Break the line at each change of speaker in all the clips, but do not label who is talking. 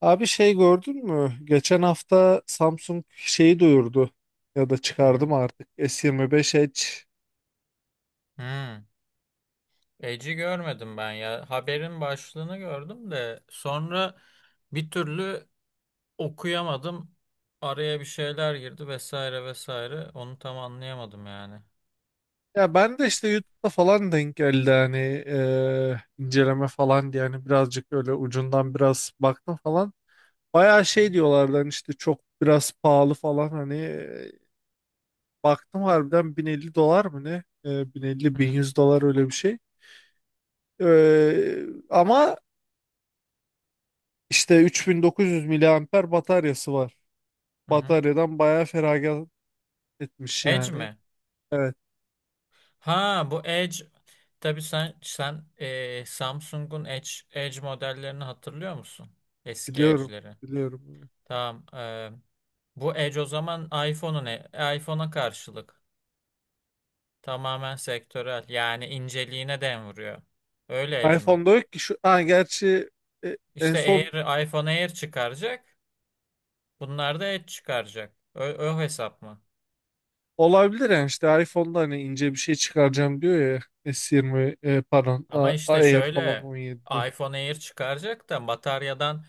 Abi, şey gördün mü? Geçen hafta Samsung şeyi duyurdu ya da
Hı
çıkardı
hı.
mı artık S25 Edge.
Hmm. Eci görmedim ben ya. Haberin başlığını gördüm de sonra bir türlü okuyamadım. Araya bir şeyler girdi vesaire vesaire. Onu tam anlayamadım yani.
Ya ben de işte YouTube'da falan denk geldi hani, inceleme falan diye hani birazcık öyle ucundan biraz baktım falan. Bayağı şey diyorlardı hani işte çok biraz pahalı falan hani, baktım harbiden 1050 dolar mı ne?
Hı hı.
1050-1100 dolar öyle bir şey. Ama işte 3900 miliamper bataryası var.
Hı hı.
Bataryadan bayağı feragat etmiş
Edge
yani.
mi?
Evet,
Ha bu Edge. Tabii sen Samsung'un Edge modellerini hatırlıyor musun? Eski
biliyorum,
Edge'leri.
biliyorum.
Tamam. Bu Edge o zaman iPhone'a karşılık. Tamamen sektörel. Yani inceliğine dem vuruyor. Öyle Edge mi?
iPhone'da yok ki şu, ha, gerçi en
İşte
son
Air, iPhone Air çıkaracak. Bunlar da Edge çıkaracak. O hesap mı?
olabilir yani işte iPhone'da hani ince bir şey çıkaracağım diyor ya S20, pardon,
Ama işte
Air falan
şöyle
17'de.
iPhone Air çıkaracak da bataryadan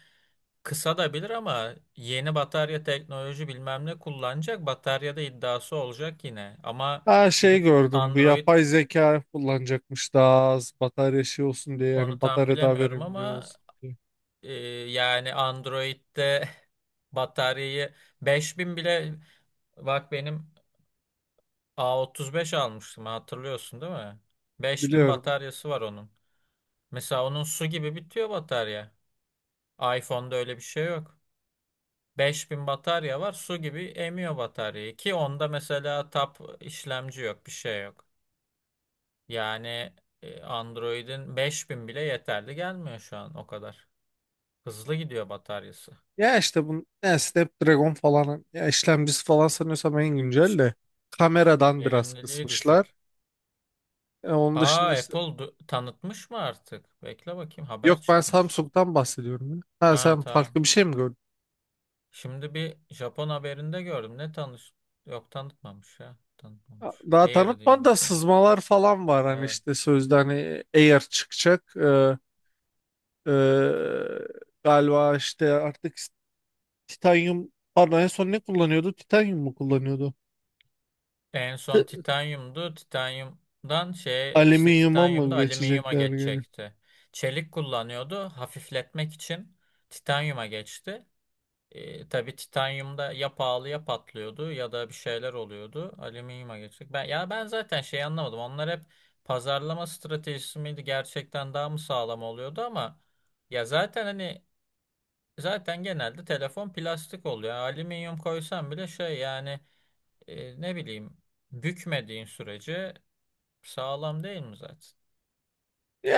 kısa da bilir ama yeni batarya teknoloji bilmem ne kullanacak. Bataryada iddiası olacak yine. Ama
Ha, şey
gidip
gördüm, bu
Android
yapay zeka kullanacakmış daha az batarya şey olsun diye,
onu
yani
tam
batarya daha
bilemiyorum
verimli
ama
olsun diye.
e, yani Android'de bataryayı 5000 bile. Bak benim A35 almıştım, hatırlıyorsun değil mi? 5000
Biliyorum.
bataryası var onun. Mesela onun su gibi bitiyor batarya. iPhone'da öyle bir şey yok. 5000 batarya var, su gibi emiyor bataryayı ki onda mesela tap işlemci yok, bir şey yok. Yani Android'in 5000 bile yeterli gelmiyor şu an o kadar. Hızlı gidiyor bataryası.
Ya işte bu ne, Snapdragon falan ya işlemcisi falan, sanıyorsam en güncel
Ş-
de kameradan biraz
Verimliliği
kısmışlar.
düşük.
Onun
Aa
dışında işte.
Apple tanıtmış mı artık? Bekle bakayım, haber
Yok, ben
çıkmış.
Samsung'dan bahsediyorum ya. Ha,
Ha
sen
tamam.
farklı bir şey mi gördün?
Şimdi bir Japon haberinde gördüm. Ne tanış? Yok tanıtmamış ya. Tanıtmamış.
Daha
Air diyeyim
tanıtmadı da
bakayım.
sızmalar falan var hani,
Evet.
işte sözde hani Air çıkacak. Ee, galiba işte artık titanyum, pardon, en son ne kullanıyordu? Titanyum mu kullanıyordu?
En son titanyumdu. Titanyumdan şey işte
Alüminyuma mı
titanyumda alüminyuma
geçecekler gene?
geçecekti. Çelik kullanıyordu. Hafifletmek için titanyuma geçti. Tabii titanyumda ya pahalı ya patlıyordu ya da bir şeyler oluyordu. Alüminyuma geçecek. Ya ben zaten şey anlamadım. Onlar hep pazarlama stratejisi miydi? Gerçekten daha mı sağlam oluyordu ama ya zaten hani zaten genelde telefon plastik oluyor. Yani alüminyum koysam bile şey yani ne bileyim, bükmediğin sürece sağlam değil mi zaten?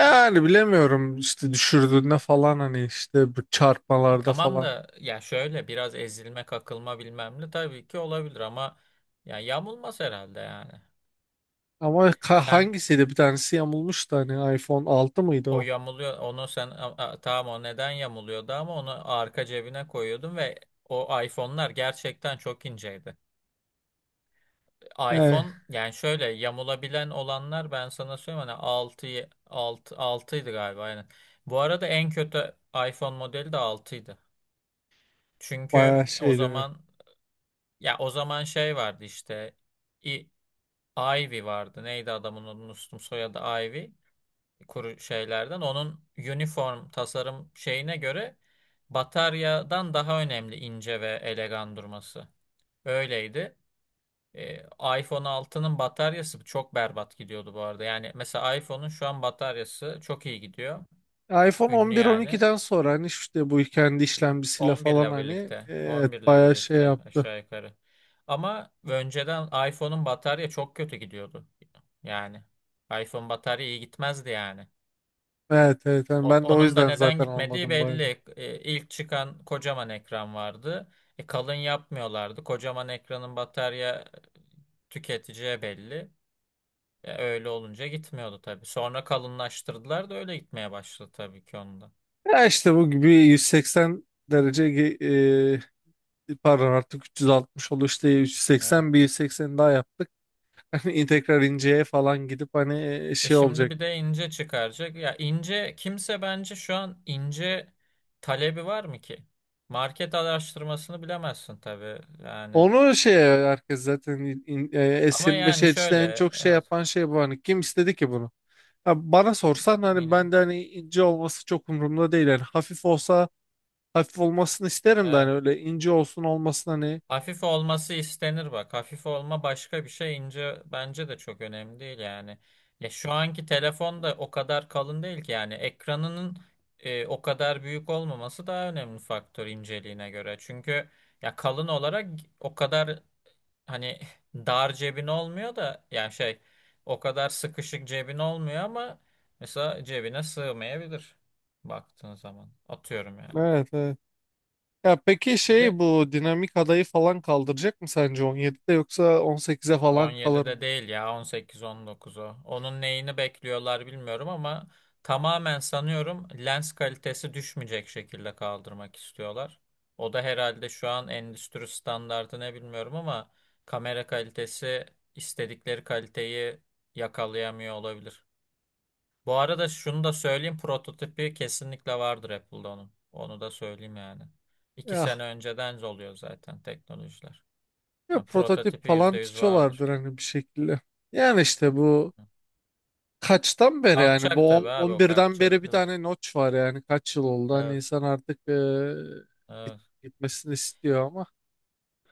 Yani,
bilemiyorum işte düşürdüğünde falan, hani işte bu çarpmalarda
tamam
falan.
da ya şöyle biraz ezilme kakılma bilmem ne tabii ki olabilir ama ya yamulmaz herhalde yani.
Ama
Sen
hangisiydi, bir tanesi yamulmuştu hani, iPhone 6 mıydı
o
o?
yamuluyor, onu sen tamam, o neden yamuluyordu ama onu arka cebine koyuyordun ve o iPhone'lar gerçekten çok inceydi.
Yani
iPhone yani şöyle yamulabilen olanlar ben sana söyleyeyim hani 6 altıydı galiba aynen. Bu arada en kötü iPhone modeli de altıydı. Çünkü
bayağı
o
şeydi.
zaman ya o zaman şey vardı işte, i, Ivy vardı. Neydi adamın adını unuttum, soyadı Ivy. Kuru şeylerden. Onun uniform tasarım şeyine göre bataryadan daha önemli ince ve elegan durması. Öyleydi. E, iPhone altının bataryası çok berbat gidiyordu bu arada. Yani mesela iPhone'un şu an bataryası çok iyi gidiyor.
iPhone
Ünlü yani.
11-12'den sonra hani işte bu kendi işlemcisiyle
11
falan
ile
hani,
birlikte.
evet,
11 ile
bayağı şey
birlikte
yaptı.
aşağı yukarı. Ama önceden iPhone'un batarya çok kötü gidiyordu. Yani iPhone batarya iyi gitmezdi yani.
Evet, evet, hani ben de o
Onun da
yüzden
neden
zaten
gitmediği
almadım bayağı.
belli. İlk çıkan kocaman ekran vardı. Kalın yapmıyorlardı. Kocaman ekranın batarya tüketeceği belli. Ya öyle olunca gitmiyordu tabii. Sonra kalınlaştırdılar da öyle gitmeye başladı tabii ki onda.
Ya işte bu gibi 180 derece pardon, artık 360 oldu, işte
Evet.
180 bir 180 daha yaptık. Hani tekrar inceye falan gidip hani şey
Şimdi
olacak.
bir de ince çıkaracak. Ya ince kimse bence şu an ince talebi var mı ki? Market araştırmasını bilemezsin tabii yani.
Onu şey herkes zaten,
Ama
S25
yani
Edge'de en
şöyle
çok şey
evet,
yapan şey bu, hani kim istedi ki? Ha, bana sorsan hani
mini.
ben de hani ince olması çok umurumda değil. Yani hafif olsa hafif olmasını isterim de, hani
Evet.
öyle ince olsun olmasın hani.
Hafif olması istenir bak. Hafif olma başka bir şey. İnce bence de çok önemli değil yani. Ya şu anki telefon da o kadar kalın değil ki yani ekranının o kadar büyük olmaması daha önemli faktör inceliğine göre. Çünkü ya kalın olarak o kadar hani dar cebin olmuyor da yani şey o kadar sıkışık cebin olmuyor ama mesela cebine sığmayabilir baktığın zaman. Atıyorum yani.
Evet, evet. Ya peki,
Bir
şey,
de
bu dinamik adayı falan kaldıracak mı sence 17'de, yoksa 18'e falan kalır
17'de
mı?
değil ya, 18-19'u. Onun neyini bekliyorlar bilmiyorum ama tamamen sanıyorum lens kalitesi düşmeyecek şekilde kaldırmak istiyorlar. O da herhalde şu an endüstri standardı ne bilmiyorum ama kamera kalitesi istedikleri kaliteyi yakalayamıyor olabilir. Bu arada şunu da söyleyeyim, prototipi kesinlikle vardır Apple'da onun. Onu da söyleyeyim yani. İki
Ya,
sene önceden oluyor zaten teknolojiler.
ya
Yani
prototip
prototipi yüzde
falan
yüz vardır.
tutuyorlardır hani bir şekilde. Yani işte bu kaçtan beri, yani
Kalkacak
bu
tabii abi, o
11'den
kalkacak.
beri bir
Evet.
tane notch var, yani kaç yıl oldu hani,
Evet.
insan artık git-
Evet.
gitmesini istiyor ama.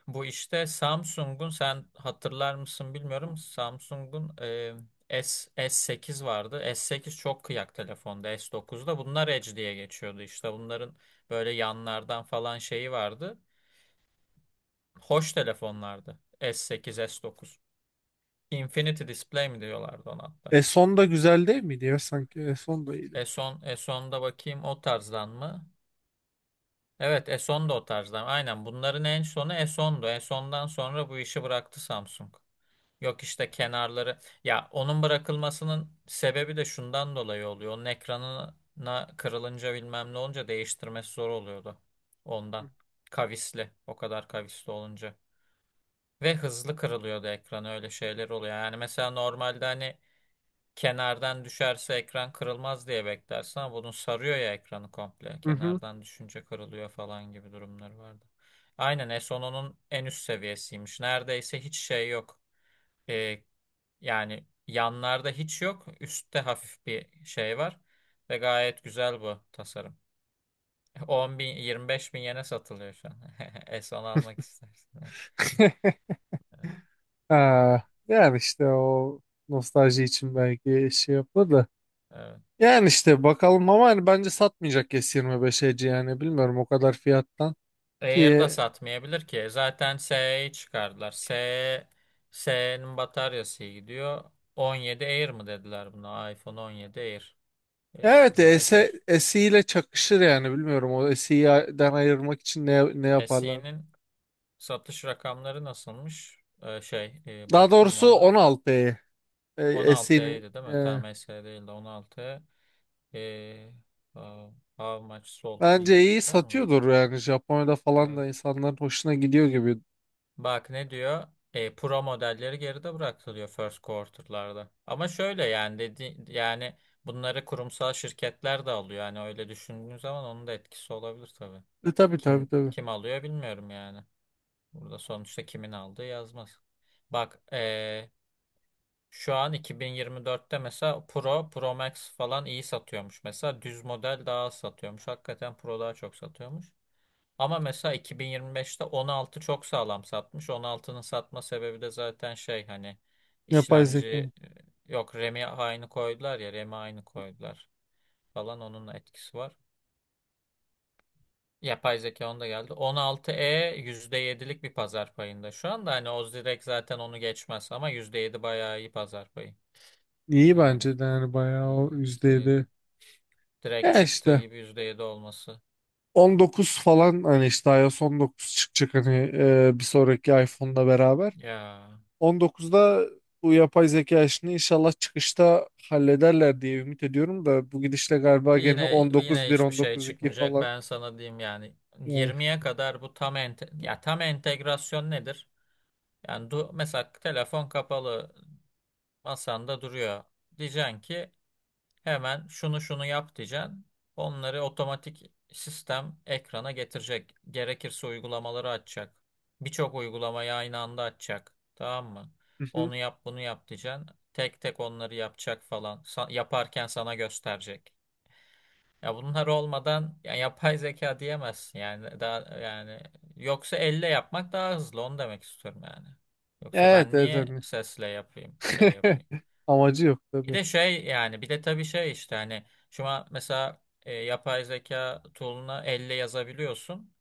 Bu işte Samsung'un, sen hatırlar mısın bilmiyorum. Samsung'un S8 vardı. S8 çok kıyak telefonda. S9'da bunlar Edge diye geçiyordu. İşte bunların böyle yanlardan falan şeyi vardı. Hoş telefonlardı. S8, S9. Infinity Display mi diyorlardı ona hatta.
E son da güzel değil miydi ya sanki? E son da iyiydi.
S10, S10'da bakayım o tarzdan mı? Evet, Eson da o tarzda. Aynen bunların en sonu Eson'du. Eson'dan sonra bu işi bıraktı Samsung. Yok işte kenarları. Ya onun bırakılmasının sebebi de şundan dolayı oluyor. Onun ekranına kırılınca bilmem ne olunca değiştirmesi zor oluyordu. Ondan. Kavisli. O kadar kavisli olunca. Ve hızlı kırılıyordu ekran, öyle şeyler oluyor. Yani mesela normalde hani kenardan düşerse ekran kırılmaz diye beklersin ama bunun sarıyor ya ekranı komple.
Hı hı.
Kenardan düşünce kırılıyor falan gibi durumları vardı. Aynen S10'un en üst seviyesiymiş. Neredeyse hiç şey yok. Ee, yani yanlarda hiç yok. Üstte hafif bir şey var. Ve gayet güzel bu tasarım. 10.000, 25.000 yene satılıyor şu an. S10 almak istersin. Evet. Evet.
Ha, yani işte o nostalji için belki şey yapılır da.
Evet.
Yani işte bakalım, ama hani bence satmayacak S25'eci yani, bilmiyorum, o kadar fiyattan
Air
ki.
da satmayabilir ki. Zaten SE'yi çıkardılar. SE, SE'nin bataryası iyi gidiyor. 17 Air mı dediler buna? iPhone 17 Air.
Evet.
S25
S,
Air.
SE ile çakışır yani, bilmiyorum, o SE'den ayırmak için ne yaparlar.
SE'nin satış rakamları nasılmış? Şey,
Daha
baktın mı
doğrusu
ona?
16'yı, SE'nin,
16E'ydi değil mi? Tamam SE değil de 16E. Ee, how much sold
bence
deyince
iyi
çıkar mı bu?
satıyordur yani, Japonya'da falan da
Ee,
insanların hoşuna gidiyor gibi.
Bak ne diyor? Pro modelleri geride bıraktı diyor first quarter'larda. Ama şöyle yani dedi yani bunları kurumsal şirketler de alıyor. Yani öyle düşündüğün zaman onun da etkisi olabilir tabii.
Tabii, tabii,
Kim
tabii.
kim alıyor bilmiyorum yani. Burada sonuçta kimin aldığı yazmaz. Bak şu an 2024'te mesela Pro, Pro Max falan iyi satıyormuş. Mesela düz model daha az satıyormuş. Hakikaten Pro daha çok satıyormuş. Ama mesela 2025'te 16 çok sağlam satmış. 16'nın satma sebebi de zaten şey hani
Yapay
işlemci,
zeka mı?
yok, RAM'i aynı koydular ya, RAM'i aynı koydular falan, onun etkisi var. Yapay zeka onda geldi. 16e %7'lik bir pazar payında. Şu anda hani o direkt zaten onu geçmez ama %7 bayağı iyi pazar payı.
İyi,
Yani
bence de yani bayağı
iyi
o
yüzde
%7.
yedi Direkt
Ya
çıktığı
işte
gibi %7 olması.
19 falan, hani işte iOS 19 çıkacak hani, bir sonraki iPhone'la beraber.
Ya,
19'da bu yapay zeka işini inşallah çıkışta hallederler diye ümit ediyorum da, bu gidişle galiba gene
yine
19.1,
hiçbir şey
19.2
çıkmayacak.
falan.
Ben sana diyeyim yani
Yani.
20'ye kadar bu tam ente ya tam entegrasyon nedir? Yani mesela telefon kapalı masanda duruyor. Diyeceksin ki hemen şunu şunu yap diyeceksin. Onları otomatik sistem ekrana getirecek. Gerekirse uygulamaları açacak. Birçok uygulamayı aynı anda açacak. Tamam mı?
Hı hı.
Onu yap bunu yap diyeceksin. Tek tek onları yapacak falan. Yaparken sana gösterecek. Ya bunlar olmadan ya yapay zeka diyemezsin yani daha yani yoksa elle yapmak daha hızlı, onu demek istiyorum yani. Yoksa
Evet,
ben
evet,
niye
hani.
sesle yapayım, şey yapayım.
Amacı yok
Bir
tabii.
de şey yani bir de tabii şey işte hani şu an mesela yapay zeka tool'una elle yazabiliyorsun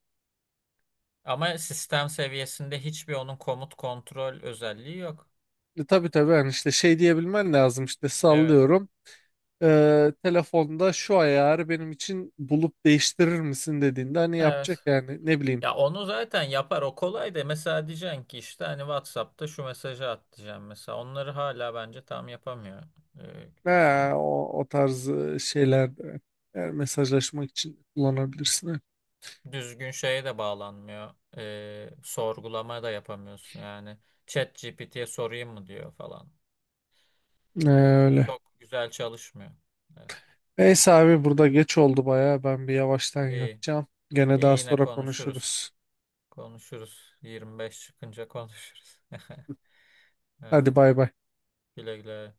ama sistem seviyesinde hiçbir onun komut kontrol özelliği yok.
Tabii, tabii, hani işte şey diyebilmen lazım, işte
Evet.
sallıyorum. Telefonda şu ayarı benim için bulup değiştirir misin dediğinde hani yapacak,
Evet.
yani ne bileyim,
Ya onu zaten yapar o kolay da mesela diyeceksin ki işte hani WhatsApp'ta şu mesajı at diyeceğim mesela onları hala bence tam yapamıyor
ha,
düzgün.
o tarz şeyler de yani mesajlaşmak için kullanabilirsin.
Düzgün şeye de bağlanmıyor, sorgulama da yapamıyorsun yani ChatGPT'ye sorayım mı diyor falan.
Öyle.
Çok güzel çalışmıyor. Evet.
Neyse abi, burada geç oldu baya, ben bir yavaştan
İyi.
yatacağım. Gene
İyi
daha
yine
sonra
konuşuruz.
konuşuruz.
Konuşuruz. 25 çıkınca konuşuruz.
Hadi,
Haydi
bay bay.
güle güle.